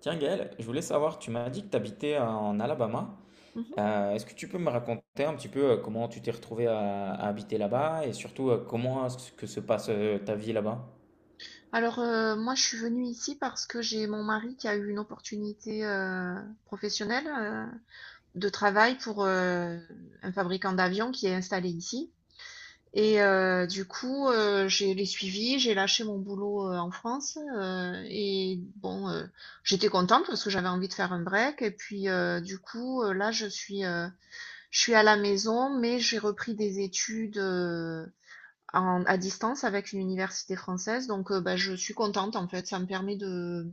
Tiens Gaël, je voulais savoir, tu m'as dit que tu habitais en Alabama. Mmh. Est-ce que tu peux me raconter un petit peu comment tu t'es retrouvé à habiter là-bas et surtout comment est-ce que se passe ta vie là-bas? Alors, moi, je suis venue ici parce que j'ai mon mari qui a eu une opportunité, professionnelle, de travail pour, un fabricant d'avions qui est installé ici. Et du coup, j'ai les suivis, j'ai lâché mon boulot en France et bon, j'étais contente parce que j'avais envie de faire un break. Et puis du coup, je suis à la maison, mais j'ai repris des études à distance avec une université française. Donc, bah, je suis contente en fait. Ça me permet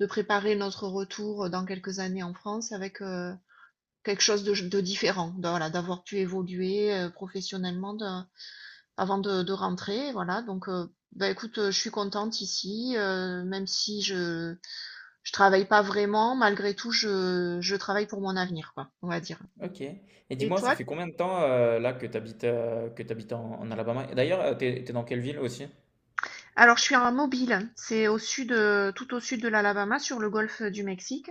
de préparer notre retour dans quelques années en France avec quelque chose de différent. Donc, voilà, d'avoir pu évoluer professionnellement. Avant de rentrer, voilà. Donc, bah, écoute, je suis contente ici, même si je travaille pas vraiment, malgré tout, je travaille pour mon avenir, quoi, on va dire. Ok. Et Et dis-moi, ça toi? fait combien de temps là que tu habites, en Alabama? Et d'ailleurs, t'es dans quelle ville aussi? Alors, je suis en mobile, c'est au sud, tout au sud de l'Alabama, sur le golfe du Mexique.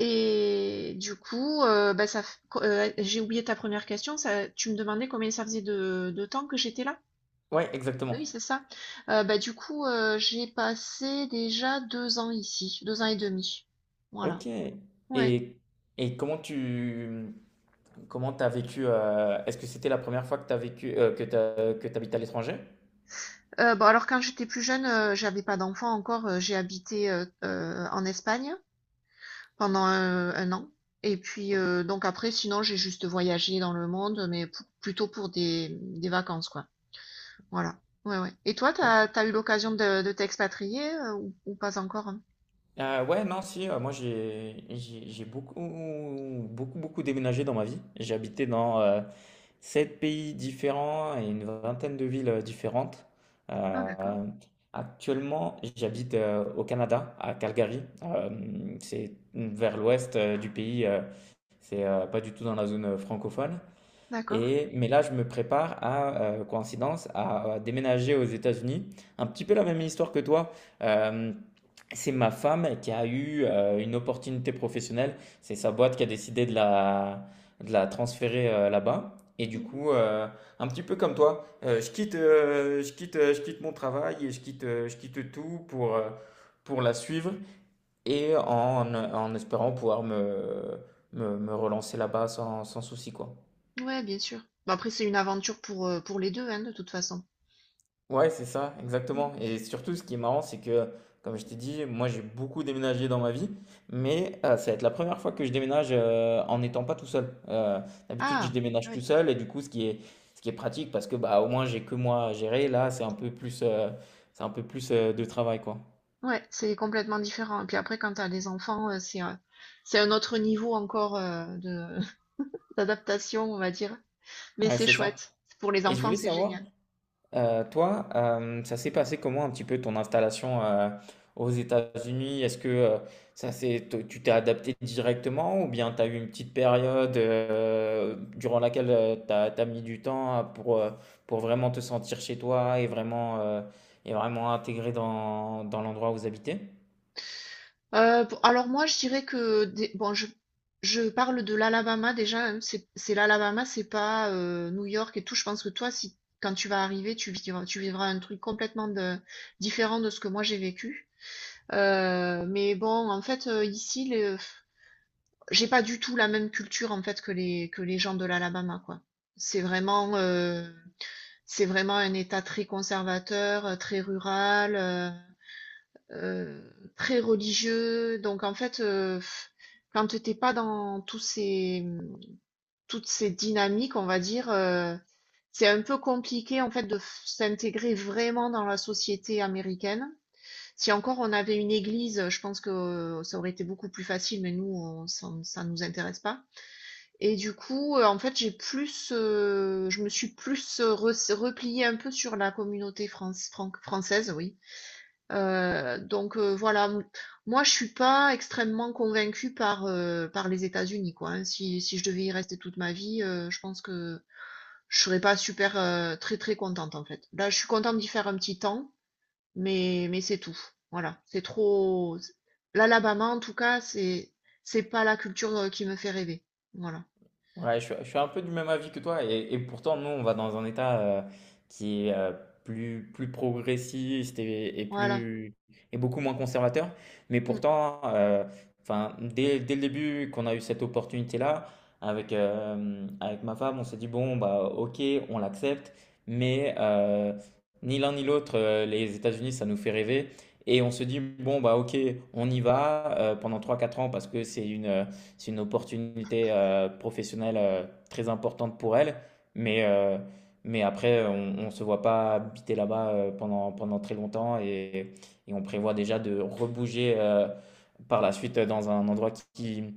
Et du coup, bah, ça, j'ai oublié ta première question. Ça, tu me demandais combien ça faisait de temps que j'étais là? Ouais, exactement. Oui, c'est ça. Bah, du coup, j'ai passé déjà 2 ans ici, 2 ans et demi. Voilà. Ok. Ouais. Et, et comment t'as vécu est-ce que c'était la première fois que t'as vécu que t'habites à l'étranger? Bah, alors quand j'étais plus jeune, j'avais pas d'enfant encore, j'ai habité, en Espagne pendant, un 1 an et puis, donc après sinon j'ai juste voyagé dans le monde, mais pou plutôt pour des vacances, quoi. Voilà. Ouais, ouais, et toi, Ok. T'as eu l'occasion de t'expatrier, ou pas encore? Hein? Ouais, non, si, moi j'ai beaucoup, beaucoup, beaucoup déménagé dans ma vie. J'ai habité dans sept pays différents et une vingtaine de villes différentes. Ah d'accord, Euh, Actuellement, j'habite au Canada, à Calgary. C'est vers l'ouest du pays, c'est pas du tout dans la zone francophone. d'accord. Mais là, je me prépare à, coïncidence, à déménager aux États-Unis. Un petit peu la même histoire que toi. Euh, c'est ma femme qui a eu une opportunité professionnelle. C'est sa boîte qui a décidé de la transférer là-bas. Et du Mmh. coup, un petit peu comme toi, je quitte mon travail et je quitte tout pour la suivre et en espérant pouvoir me relancer là-bas sans souci, quoi. Ouais, bien sûr. Bah, après c'est une aventure pour les 2 hein, de toute façon. Ouais, c'est ça, Mmh. exactement. Et surtout, ce qui est marrant, c'est que, comme je t'ai dit, moi j'ai beaucoup déménagé dans ma vie, mais ça va être la première fois que je déménage en n'étant pas tout seul. D'habitude, je Ah! déménage tout Oui. seul, et du coup, ce qui est pratique, parce que bah, au moins j'ai que moi à gérer, là, c'est un peu plus, c'est un peu plus de travail, quoi. Ouais, c'est complètement différent. Et puis après, quand tu as les enfants, c'est un autre niveau encore de d'adaptation, on va dire. Mais Ouais, c'est c'est ça. chouette. Pour les Et je enfants, voulais c'est savoir, génial. Toi, ça s'est passé comment un petit peu ton installation aux États-Unis? Est-ce que tu t'es adapté directement ou bien tu as eu une petite période durant laquelle mis du temps pour vraiment te sentir chez toi et vraiment intégré dans l'endroit où vous habitez? Alors moi, je dirais bon, je parle de l'Alabama déjà. Hein. C'est l'Alabama, c'est pas New York et tout. Je pense que toi, si quand tu vas arriver, tu vivras un truc différent de ce que moi j'ai vécu. Mais bon, en fait, ici, j'ai pas du tout la même culture en fait que les gens de l'Alabama quoi. C'est vraiment euh, c'est vraiment un État très conservateur, très rural, euh, très religieux. Donc en fait, quand t'es pas dans tous ces toutes ces dynamiques, on va dire, c'est un peu compliqué en fait s'intégrer vraiment dans la société américaine. Si encore on avait une église, je pense que ça aurait été beaucoup plus facile, mais nous, on, ça ça nous intéresse pas. Et du coup, en fait, j'ai plus, je me suis plus, res repliée un peu sur la communauté France fran française, oui. Donc voilà, m moi, je suis pas extrêmement convaincue par, par les États-Unis, quoi, hein. Si je devais y rester toute ma vie, je pense que je serais pas super, très, très contente, en fait. Là, je suis contente d'y faire un petit temps, mais c'est tout. Voilà, c'est trop l'Alabama, en tout cas, c'est pas la culture, qui me fait rêver. Voilà, Ouais, je suis un peu du même avis que toi. Et pourtant, nous, on va dans un état qui est plus progressiste et, et voilà. plus, et beaucoup moins conservateur. Mais Mmh. pourtant, enfin, dès le début qu'on a eu cette opportunité-là, avec ma femme, on s'est dit, bon, bah, ok, on l'accepte. Mais ni l'un ni l'autre, les États-Unis, ça nous fait rêver. Et on se dit, bon, bah, ok, on y va pendant trois quatre ans parce que c'est une opportunité professionnelle très importante pour elle. Mais, euh, mais après, on ne se voit pas habiter là-bas pendant très longtemps et on prévoit déjà de rebouger par la suite dans un endroit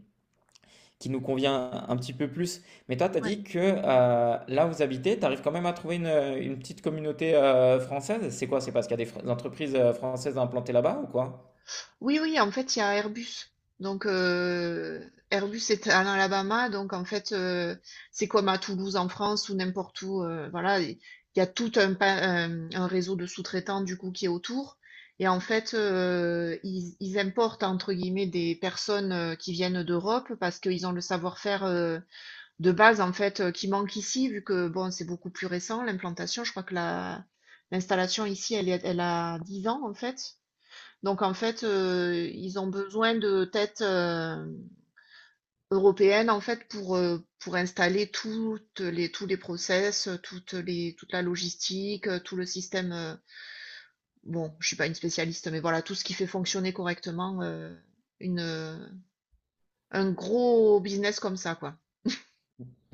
qui nous convient un petit peu plus. Mais toi, tu as Ouais. dit que là où vous habitez, tu arrives quand même à trouver une petite communauté française. C'est quoi? C'est parce qu'il y a des entreprises françaises implantées là-bas ou quoi? Oui, oui, en fait, il y a Airbus. Donc, Airbus est en Alabama. Donc, en fait, c'est comme à Toulouse en France ou n'importe où. Voilà, il y a tout un réseau de sous-traitants, du coup, qui est autour. Et en fait, ils importent, entre guillemets, des personnes qui viennent d'Europe parce qu'ils ont le savoir-faire de base, en fait, qui manque ici, vu que, bon, c'est beaucoup plus récent, l'implantation. Je crois que l'installation ici, elle, elle a 10 ans, en fait. Donc en fait, ils ont besoin de têtes, européennes en fait pour installer toutes les tous les process, toute la logistique, tout le système, bon, je suis pas une spécialiste, mais voilà, tout ce qui fait fonctionner correctement, une, heu, un gros business comme ça, quoi.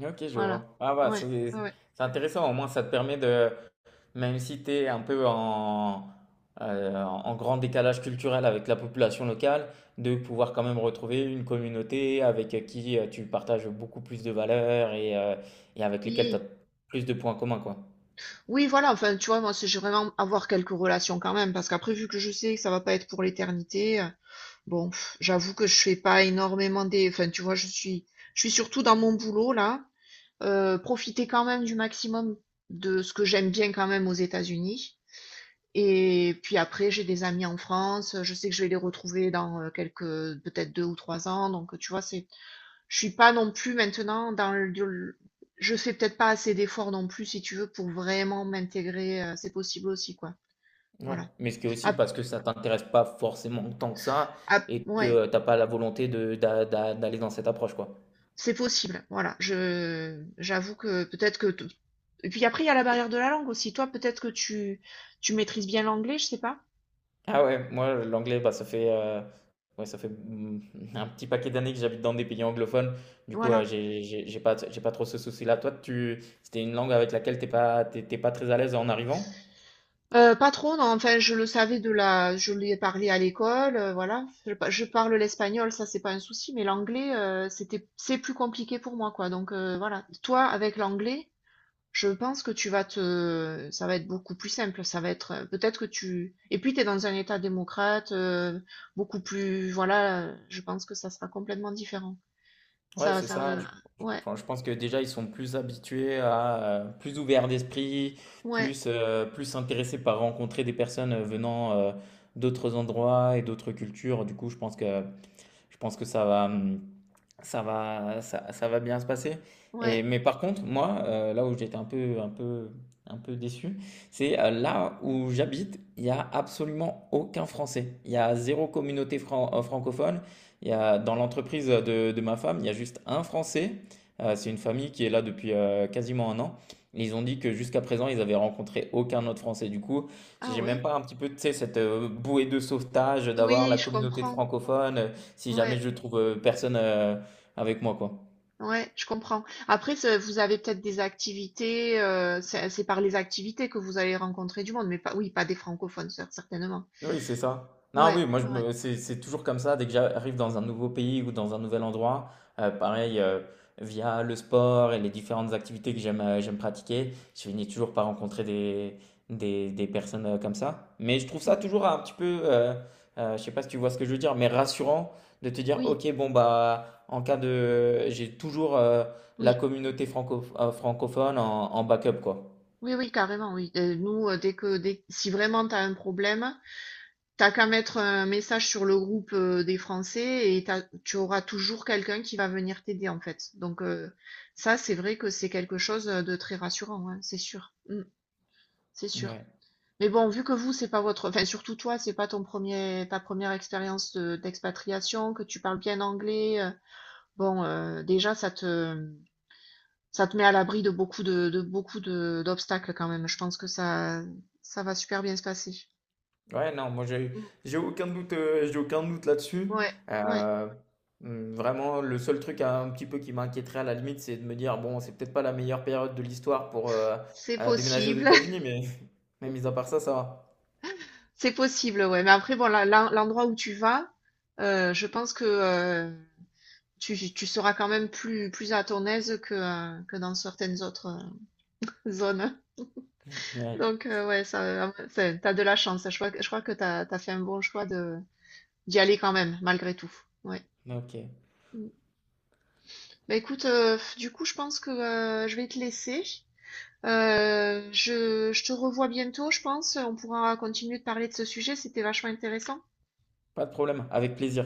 Ok, je Voilà. vois. Ah bah, Ouais, c'est ouais, ouais. c'est intéressant, au moins ça te permet de, même si tu es un peu en grand décalage culturel avec la population locale, de pouvoir quand même retrouver une communauté avec qui tu partages beaucoup plus de valeurs et et avec lesquelles tu as Oui, plus de points communs, quoi. oui, voilà, enfin, tu vois, moi, c'est j'ai vraiment avoir quelques relations quand même, parce qu'après vu que je sais que ça va pas être pour l'éternité, bon, pff, j'avoue que je fais pas énormément des. Enfin, tu vois, je suis surtout dans mon boulot là. Profiter quand même du maximum de ce que j'aime bien quand même aux États-Unis. Et puis après, j'ai des amis en France. Je sais que je vais les retrouver dans quelques, peut-être 2 ou 3 ans. Donc, tu vois, c'est, je suis pas non plus maintenant dans le. Je fais peut-être pas assez d'efforts non plus, si tu veux, pour vraiment m'intégrer. C'est possible aussi, quoi. Ouais. Voilà. Mais c'est aussi Ap- parce que ça t'intéresse pas forcément tant que ça et ouais. que tu t'as pas la volonté de, d'aller dans cette approche, quoi. C'est possible, voilà. Je j'avoue que peut-être et puis après il y a la barrière de la langue aussi. Toi peut-être que tu maîtrises bien l'anglais, je sais pas. Ah ouais, moi l'anglais, bah, ça fait, ouais, ça fait un petit paquet d'années que j'habite dans des pays anglophones. Du coup, Voilà. J'ai pas trop ce souci-là. C'était une langue avec laquelle t'es pas très à l'aise en arrivant? Pas trop, non. Enfin, je le savais de la, je l'ai parlé à l'école, voilà. Je parle l'espagnol, ça c'est pas un souci, mais l'anglais, c'était, c'est plus compliqué pour moi, quoi. Donc voilà. Toi, avec l'anglais, je pense que ça va être beaucoup plus simple. Ça va être, peut-être que tu, et puis tu es dans un État démocrate, beaucoup plus, voilà, je pense que ça sera complètement différent. Ouais, Ça, c'est ça ça. va, ouais, Enfin, je pense que déjà, ils sont plus habitués plus ouverts d'esprit, ouais, plus intéressés par rencontrer des personnes venant, d'autres endroits et d'autres cultures. Du coup, je pense que ça va bien se passer. ouais, Mais par contre, moi, là où j'étais un peu déçu, c'est là où j'habite, il n'y a absolument aucun Français. Il y a zéro communauté francophone. Il y a, dans l'entreprise de ma femme, il y a juste un Français. C'est une famille qui est là depuis quasiment un an. Ils ont dit que jusqu'à présent, ils avaient rencontré aucun autre Français. Du coup, ah j'ai même ouais, pas un petit peu, tu sais, cette bouée de sauvetage d'avoir oui, la je communauté de comprends, francophones. Si jamais ouais, je trouve personne avec moi, quoi. ouais, je comprends. Après, vous avez peut-être des activités, c'est par les activités que vous allez rencontrer du monde, mais pas, oui, pas des francophones, certainement. Oui, c'est ça. Non, Ouais, oui, moi, je ouais, ouais. me... c'est toujours comme ça. Dès que j'arrive dans un nouveau pays ou dans un nouvel endroit, pareil, via le sport et les différentes activités que j'aime pratiquer, je finis toujours par rencontrer des personnes comme ça. Mais je trouve ça Hmm. toujours un petit peu, je sais pas si tu vois ce que je veux dire, mais rassurant de te dire, Oui, ok, bon, bah, en cas de... J'ai toujours la oui. communauté francophone en backup, quoi. Oui, oui, carrément, oui. Nous, dès, si vraiment tu as un problème, t'as qu'à mettre un message sur le groupe des Français et tu auras toujours quelqu'un qui va venir t'aider, en fait. Donc, ça, c'est vrai que c'est quelque chose de très rassurant, hein, c'est sûr. Mm, c'est sûr. Ouais. Mais bon, vu que vous, c'est pas votre, enfin, surtout toi, c'est pas ton premier, ta première expérience d'expatriation, que tu parles bien anglais, bon, déjà, ça te met à l'abri de beaucoup de d'obstacles quand même. Je pense que ça va super bien se passer. Ouais, non, moi j'ai Mm. j'ai aucun doute, j'ai aucun doute là-dessus. Ouais, ouais, Euh, Vraiment, le seul truc un petit peu qui m'inquiéterait à la limite, c'est de me dire, bon, c'est peut-être pas la meilleure période de l'histoire pour euh, c'est euh, déménager aux possible, États-Unis, mais mis à part ça, ça va. c'est possible, ouais. Mais après, bon, l'endroit où tu vas, je pense que tu seras quand même plus, plus à ton aise que dans certaines autres zones. Ouais, Donc, ouais, ça, t'as de la chance. Je crois, je crois que t'as fait un bon choix de d'y aller quand même, malgré tout. Ouais. ok, Mm. Bah écoute, du coup, je pense que je vais te laisser. Je te revois bientôt, je pense. On pourra continuer de parler de ce sujet, c'était vachement intéressant. pas de problème, avec plaisir.